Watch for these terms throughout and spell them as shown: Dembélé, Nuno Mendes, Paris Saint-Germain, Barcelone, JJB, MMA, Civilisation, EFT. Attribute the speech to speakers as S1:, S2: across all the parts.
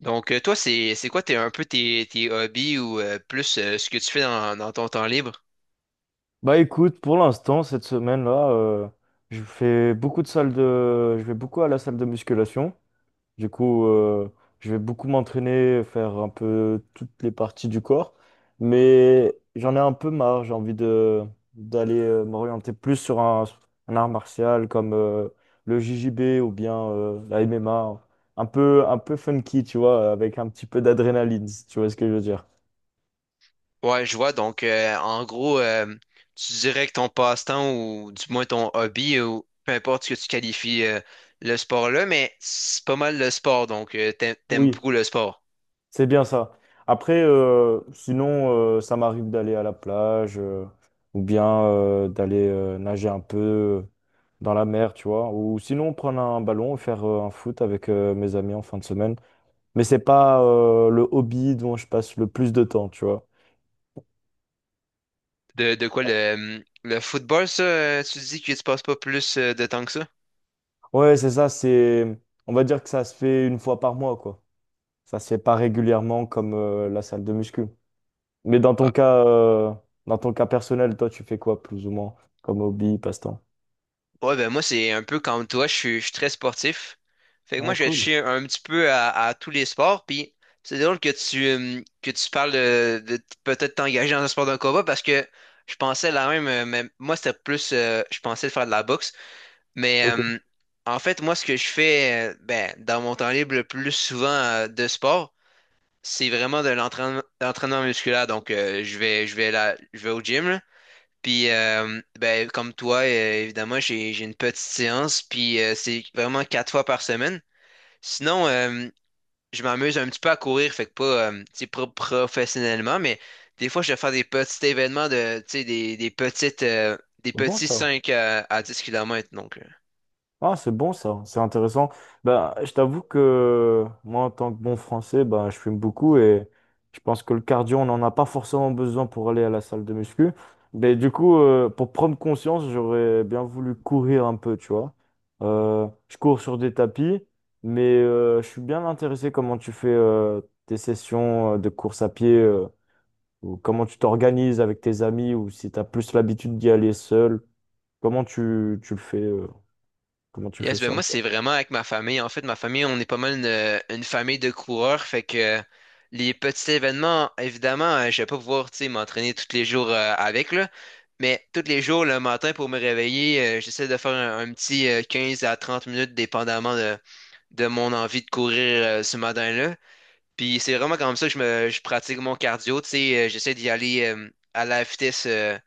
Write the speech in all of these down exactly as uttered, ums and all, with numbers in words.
S1: Donc, euh, toi, c'est c'est quoi tes, un peu tes, tes hobbies ou euh, plus euh, ce que tu fais dans, dans ton temps libre?
S2: Bah écoute, pour l'instant, cette semaine-là, euh, je fais beaucoup de salles de... Je vais beaucoup à la salle de musculation. Du coup, euh, je vais beaucoup m'entraîner, faire un peu toutes les parties du corps. Mais j'en ai un peu marre. J'ai envie de d'aller euh, m'orienter plus sur un, un art martial comme euh, le J J B ou bien euh, la M M A. Un peu, un peu funky, tu vois, avec un petit peu d'adrénaline, si tu vois ce que je veux dire.
S1: Ouais, je vois. Donc, euh, en gros, euh, tu dirais que ton passe-temps ou du moins ton hobby ou peu importe ce que tu qualifies euh, le sport là, mais c'est pas mal le sport. Donc, euh, t'aimes, t'aimes
S2: Oui.
S1: beaucoup le sport.
S2: C'est bien ça. Après, euh, sinon, euh, ça m'arrive d'aller à la plage euh, ou bien euh, d'aller euh, nager un peu euh, dans la mer, tu vois. Ou sinon, prendre un ballon et faire euh, un foot avec euh, mes amis en fin de semaine. Mais c'est pas euh, le hobby dont je passe le plus de temps, tu vois.
S1: De, de quoi le, le football, ça, euh, tu dis que tu passes pas plus euh, de temps que ça?
S2: Ouais, c'est ça, c'est... On va dire que ça se fait une fois par mois, quoi. Ça se fait pas régulièrement comme euh, la salle de muscu. Mais dans ton cas, euh, dans ton cas personnel, toi, tu fais quoi plus ou moins comme hobby, passe-temps?
S1: Ouais, ben moi, c'est un peu comme toi, je suis, je suis très sportif. Fait que moi,
S2: Ah,
S1: je touche
S2: cool.
S1: un petit peu à, à tous les sports. Puis c'est drôle que tu, hum, que tu parles de, de t- peut-être t'engager dans un sport de combat parce que je pensais la même, euh, mais moi, c'était plus, euh, je pensais de faire de la boxe. Mais
S2: Ok,
S1: hum, en fait, moi, ce que je fais euh, ben, dans mon temps libre le plus souvent euh, de sport, c'est vraiment de l'entraînement, l'entraînement musculaire. Donc, euh, je vais, je vais là, je vais au gym. Là. Puis, euh, ben, comme toi, euh, évidemment, j'ai, j'ai une petite séance, puis euh, c'est vraiment quatre fois par semaine. Sinon, euh, je m'amuse un petit peu à courir, fait que pas, euh, tu sais, pas professionnellement, mais des fois, je vais faire des petits événements de, tu sais, des, des petites, euh, des
S2: c'est bon
S1: petits
S2: ça.
S1: cinq à, à dix kilomètres donc. euh.
S2: Ah, c'est bon ça, c'est intéressant. Ben, je t'avoue que moi, en tant que bon français, ben, je fume beaucoup et je pense que le cardio, on n'en a pas forcément besoin pour aller à la salle de muscu. Mais du coup, euh, pour prendre conscience, j'aurais bien voulu courir un peu, tu vois. Euh, je cours sur des tapis, mais euh, je suis bien intéressé comment tu fais euh, tes sessions euh, de course à pied euh, ou comment tu t'organises avec tes amis ou si tu as plus l'habitude d'y aller seul. Comment tu, tu le fais? euh, Comment tu fais
S1: Yes, ben
S2: ça,
S1: moi, c'est
S2: quoi?
S1: vraiment avec ma famille. En fait, ma famille, on est pas mal une, une famille de coureurs. Fait que euh, les petits événements, évidemment, euh, je vais pas pouvoir, tu sais, m'entraîner tous les jours euh, avec, là. Mais tous les jours, le matin, pour me réveiller, euh, j'essaie de faire un, un petit euh, quinze à trente minutes, dépendamment de, de mon envie de courir euh, ce matin-là. Puis c'est vraiment comme ça que je me je pratique mon cardio. Tu sais, euh, j'essaie d'y aller euh, à la vitesse euh,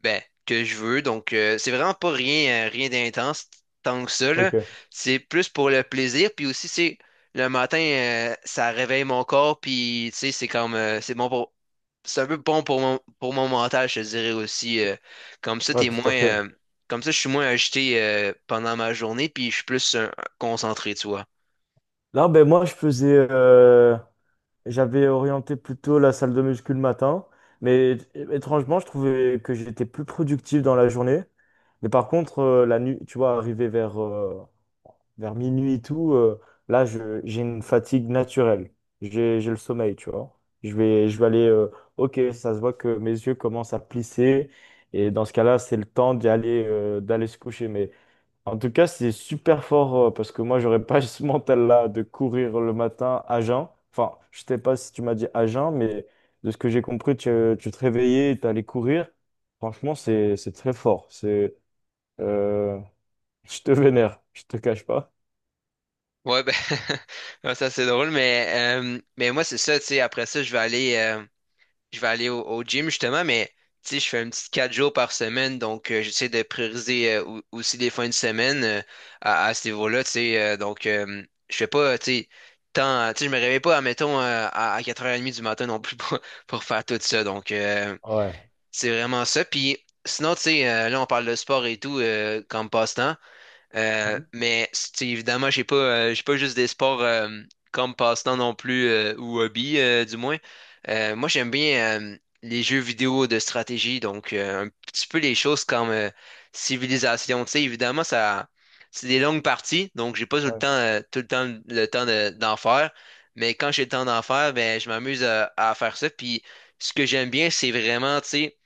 S1: ben, que je veux. Donc euh, c'est vraiment pas rien, euh, rien d'intense tant que ça, là.
S2: Ok,
S1: C'est plus pour le plaisir. Puis aussi, c'est le matin, euh, ça réveille mon corps. Puis tu sais, c'est comme euh, c'est bon pour. C'est un peu bon pour mon, pour mon mental, je te dirais aussi. euh, comme ça,
S2: ouais,
S1: t'es
S2: tout
S1: moins.
S2: à fait.
S1: euh, Comme ça, je suis moins agité euh, pendant ma journée, puis je suis plus euh, concentré, tu vois.
S2: Là, ben moi, je faisais, euh, j'avais orienté plutôt la salle de muscu le matin, mais é- étrangement, je trouvais que j'étais plus productif dans la journée. Mais par contre, euh, la nuit, tu vois, arrivé vers, euh, vers minuit et tout, euh, là, je, j'ai une fatigue naturelle. J'ai, j'ai le sommeil, tu vois. Je vais, je vais aller, euh, ok, ça se voit que mes yeux commencent à plisser. Et dans ce cas-là, c'est le temps d'y aller, euh, d'aller se coucher. Mais en tout cas, c'est super fort euh, parce que moi, j'aurais pas ce mental-là de courir le matin à jeun. Enfin, je sais pas si tu m'as dit à jeun, mais de ce que j'ai compris, tu, tu te réveillais, tu allais courir. Franchement, c'est c'est très fort. C'est euh, je te vénère, je te cache pas.
S1: Ouais, ben, ouais, ça c'est drôle, mais, euh, mais moi c'est ça, tu sais, après ça, je vais aller, euh, je vais aller au, au gym justement, mais tu sais, je fais un petit quatre jours par semaine, donc euh, j'essaie de prioriser euh, ou- aussi les fins de semaine euh, à, à ce niveau-là, tu sais, euh, donc euh, je fais pas, tu sais, tant, tu sais, je me réveille pas, admettons, euh, à, à quatre heures trente du matin non plus pour, pour faire tout ça, donc euh,
S2: Ouais.
S1: c'est vraiment ça, puis sinon, tu sais, euh, là on parle de sport et tout euh, comme passe-temps. Euh,
S2: Mhm.
S1: mais c'est- évidemment, j'ai pas, euh, j'ai pas juste des sports euh, comme passe-temps non plus euh, ou hobby, euh, du moins. Euh, moi, j'aime bien euh, les jeux vidéo de stratégie, donc euh, un petit peu les choses comme euh, Civilisation. Tu sais, évidemment, ça, c'est des longues parties, donc j'ai pas tout le
S2: Ouais.
S1: temps, euh, tout le temps le temps de- d'en faire. Mais quand j'ai le temps d'en faire, ben, je m'amuse à, à faire ça. Puis ce que j'aime bien, c'est vraiment, tu sais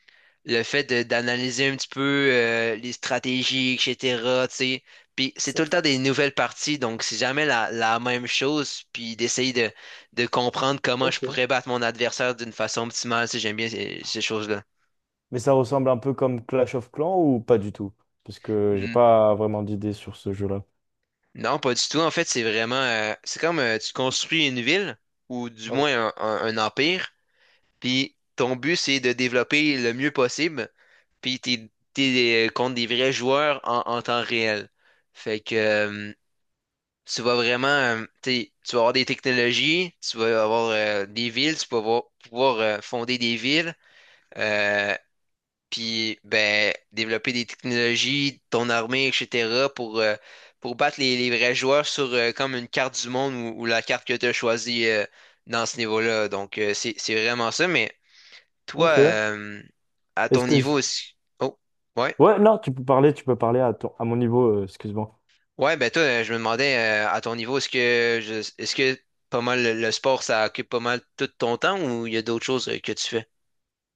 S1: le fait de- d'analyser un petit peu euh, les stratégies, et cætera Tu sais. Puis c'est tout
S2: Ça-
S1: le temps des nouvelles parties, donc c'est jamais la, la même chose. Puis d'essayer de, de comprendre comment je
S2: Ok.
S1: pourrais battre mon adversaire d'une façon optimale, tu sais, j'aime bien ces, ces choses-là.
S2: Mais ça ressemble un peu comme Clash of Clans ou pas du tout? Parce que j'ai
S1: Mm.
S2: pas vraiment d'idée sur ce jeu-là.
S1: Non, pas du tout. En fait, c'est vraiment, euh, c'est comme euh, tu construis une ville ou du
S2: Ah oui.
S1: moins un, un- un empire. Puis ton but, c'est de développer le mieux possible. Puis t'es, t'es euh, contre des vrais joueurs en, en temps réel. Fait que euh, tu vas vraiment, euh, t'sais, tu vas avoir des technologies, tu vas avoir euh, des villes, tu vas avoir- pouvoir euh, fonder des villes, euh, puis ben, développer des technologies, ton armée, et cætera, pour, euh, pour battre les, les vrais joueurs sur euh, comme une carte du monde ou, ou la carte que tu as choisie euh, dans ce niveau-là. Donc, euh, c'est, c'est vraiment ça. Mais toi,
S2: Ok.
S1: euh, à
S2: Est-ce
S1: ton
S2: que...
S1: niveau aussi. Oh, ouais?
S2: Ouais, non, tu peux parler, tu peux parler à ton- à mon niveau, euh, excuse-moi.
S1: Ouais, ben toi, euh, je me demandais euh, à ton niveau, est-ce que je- est-ce que pas mal le, le sport, ça occupe pas mal tout ton temps ou il y a d'autres choses euh, que tu fais?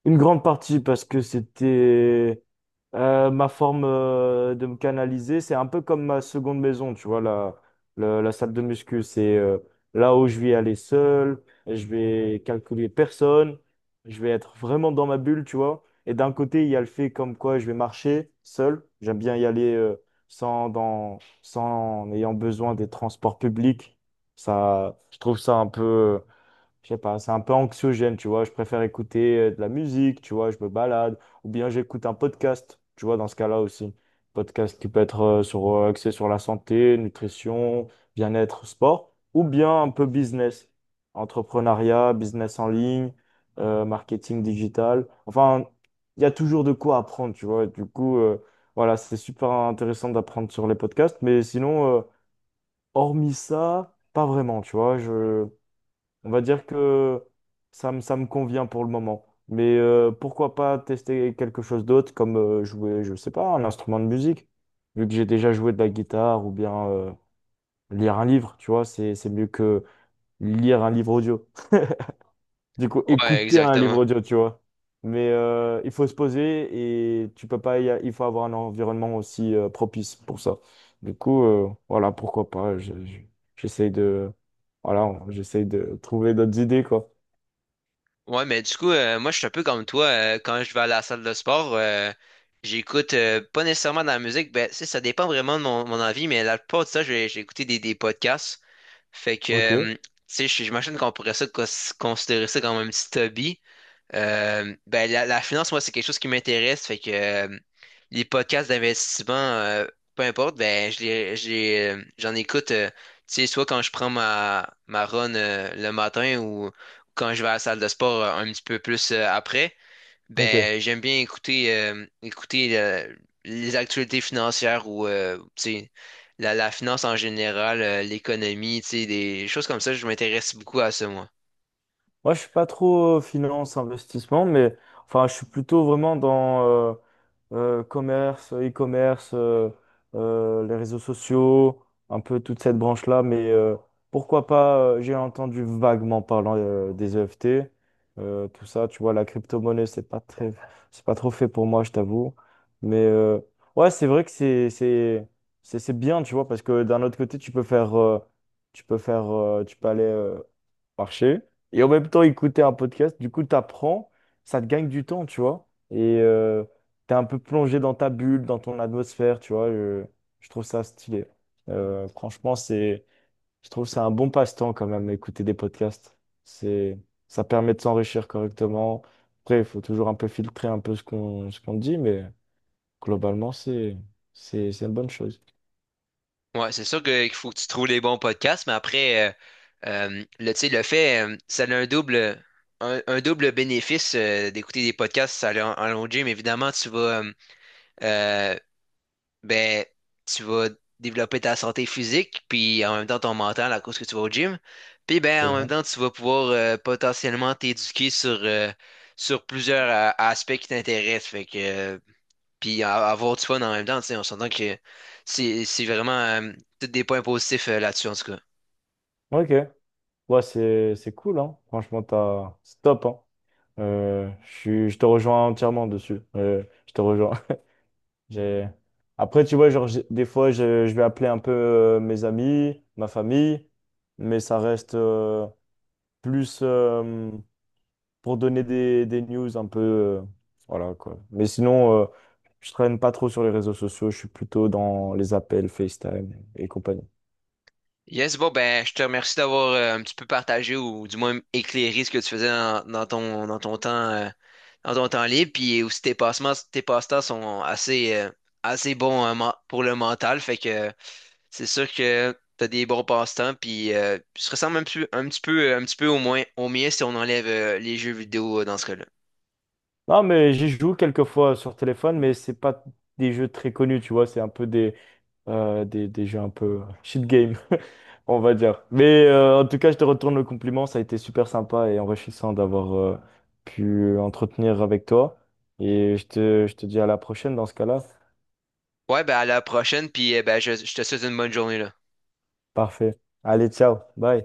S2: Une grande partie parce que c'était euh, ma forme euh, de me canaliser. C'est un peu comme ma seconde maison, tu vois, la, la, la salle de muscu. C'est euh, là où je vais aller seul, je vais calculer personne, je vais être vraiment dans ma bulle, tu vois. Et d'un côté, il y a le fait comme quoi je vais marcher seul. J'aime bien y aller euh, sans, dans, sans en ayant besoin des transports publics. Ça, je trouve ça un peu je sais pas, c'est un peu anxiogène, tu vois. Je préfère écouter euh, de la musique, tu vois, je me balade. Ou bien j'écoute un podcast, tu vois, dans ce cas-là aussi. Podcast qui peut être euh, sur, euh, axé sur la santé, nutrition, bien-être, sport. Ou bien un peu business, entrepreneuriat, business en ligne, euh, marketing digital. Enfin, il y a toujours de quoi apprendre, tu vois. Du coup, euh, voilà, c'est super intéressant d'apprendre sur les podcasts. Mais sinon, euh, hormis ça, pas vraiment, tu vois. Je... On va dire que ça me, ça me convient pour le moment. Mais euh, pourquoi pas tester quelque chose d'autre, comme euh, jouer, je sais pas, un instrument de musique, vu que j'ai déjà joué de la guitare, ou bien euh, lire un livre, tu vois, c'est, c'est mieux que lire un livre audio. Du coup,
S1: Ouais,
S2: écouter un livre
S1: exactement.
S2: audio, tu vois. Mais euh, il faut se poser et tu peux pas, y a- il faut avoir un environnement aussi euh, propice pour ça. Du coup, euh, voilà, pourquoi pas. je- je- J'essaye de, voilà, j'essaye de trouver d'autres idées, quoi.
S1: Ouais, mais du coup, euh, moi, je suis un peu comme toi. euh, quand je vais à la salle de sport, euh, j'écoute euh, pas nécessairement de la musique. Ben, tu sais, ça dépend vraiment de mon, mon envie, mais la plupart de ça, j'ai j'ai écouté des, des podcasts. Fait que,
S2: Ok,
S1: euh, tu sais, je- j'imagine qu'on pourrait ça cons- considérer ça comme un petit hobby. Euh, ben, la, la finance, moi, c'est quelque chose qui m'intéresse. Fait que euh, les podcasts d'investissement, euh, peu importe, ben, je les, je les, euh, j'en écoute, euh, tu sais, soit quand je prends ma, ma run euh, le matin ou quand je vais à la salle de sport euh, un petit peu plus euh, après.
S2: ok.
S1: Ben, j'aime bien écouter, euh, écouter euh, les actualités financières ou, euh, tu sais, la, la finance en général, euh, l'économie, tu sais, des choses comme ça. Je m'intéresse beaucoup à ça, moi.
S2: Moi, je suis pas trop euh, finance, investissement, mais enfin, je suis plutôt vraiment dans, euh, euh, commerce, e-commerce, euh, euh, les réseaux sociaux, un peu toute cette branche-là. Mais euh, pourquoi pas, euh, j'ai entendu vaguement parlant euh, des E F T, euh, tout ça, tu vois, la crypto-monnaie, c'est pas très, c'est pas trop fait pour moi, je t'avoue. Mais euh, ouais, c'est vrai que c'est, c'est, c'est, c'est bien, tu vois, parce que d'un autre côté, tu peux faire, euh, tu peux faire, euh, tu peux aller euh, marcher et en même temps écouter un podcast. Du coup, tu apprends, ça te gagne du temps, tu vois. Et euh, t'es un peu plongé dans ta bulle, dans ton atmosphère, tu vois. Je, je trouve ça stylé. Euh, franchement, c'est, je trouve que c'est un bon passe-temps quand même, écouter des podcasts. C'est, ça permet de s'enrichir correctement. Après, il faut toujours un peu filtrer un peu ce qu'on ce qu'on dit, mais globalement, c'est c'est c'est une bonne chose.
S1: Ouais, c'est sûr que- qu'il faut que tu trouves les bons podcasts, mais après, euh, euh, le, tu sais, le fait, euh, ça a un double, un, un double bénéfice euh, d'écouter des podcasts, ça allait en, en long gym. Évidemment, tu vas, euh, euh, ben, tu vas développer ta santé physique, puis en même temps ton mental à cause que tu vas au gym. Puis ben,
S2: C'est
S1: en même
S2: vrai.
S1: temps, tu vas pouvoir euh, potentiellement t'éduquer sur, euh, sur plusieurs euh, aspects qui t'intéressent. Fait que euh, puis a- avoir du fun en même temps, tu sais, on s'entend que c'est c'est vraiment euh, tous des points positifs euh, là-dessus, en tout cas.
S2: Ok. Ouais, c'est c'est cool, hein. Franchement, t'as, c'est top, hein. Euh, je suis- je te rejoins entièrement dessus. Euh, je te rejoins. J'ai... Après, tu vois, genre, j'ai- des fois, je, je vais appeler un peu euh, mes amis, ma famille, mais ça reste euh, plus euh, pour donner des, des news un peu. Euh, voilà, quoi. Mais sinon, euh, je traîne pas trop sur les réseaux sociaux, je suis plutôt dans les appels, FaceTime et compagnie.
S1: Yes, bon, ben, je te remercie d'avoir euh, un petit peu partagé ou du moins éclairé ce que tu faisais dans, dans ton, dans ton temps, euh, dans ton temps libre, puis aussi tes passements, tes passe-temps sont assez, euh, assez bons euh, men- pour le mental, fait que euh, c'est sûr que t'as des bons passe-temps, puis euh, tu te ressembles un petit, un petit peu, un petit peu au moins au mien si on enlève euh, les jeux vidéo euh, dans ce cas-là.
S2: Non, mais j'y joue quelques fois sur téléphone, mais c'est pas des jeux très connus, tu vois, c'est un peu des. euh, des, des jeux un peu euh, shit game, on va dire. Mais euh, en tout cas, je te retourne le compliment. Ça a été super sympa et enrichissant d'avoir euh, pu entretenir avec toi. Et je te, je te dis à la prochaine dans ce cas-là.
S1: Ouais, ben à la prochaine, puis euh, ben, je, je te souhaite une bonne journée, là.
S2: Parfait. Allez, ciao. Bye.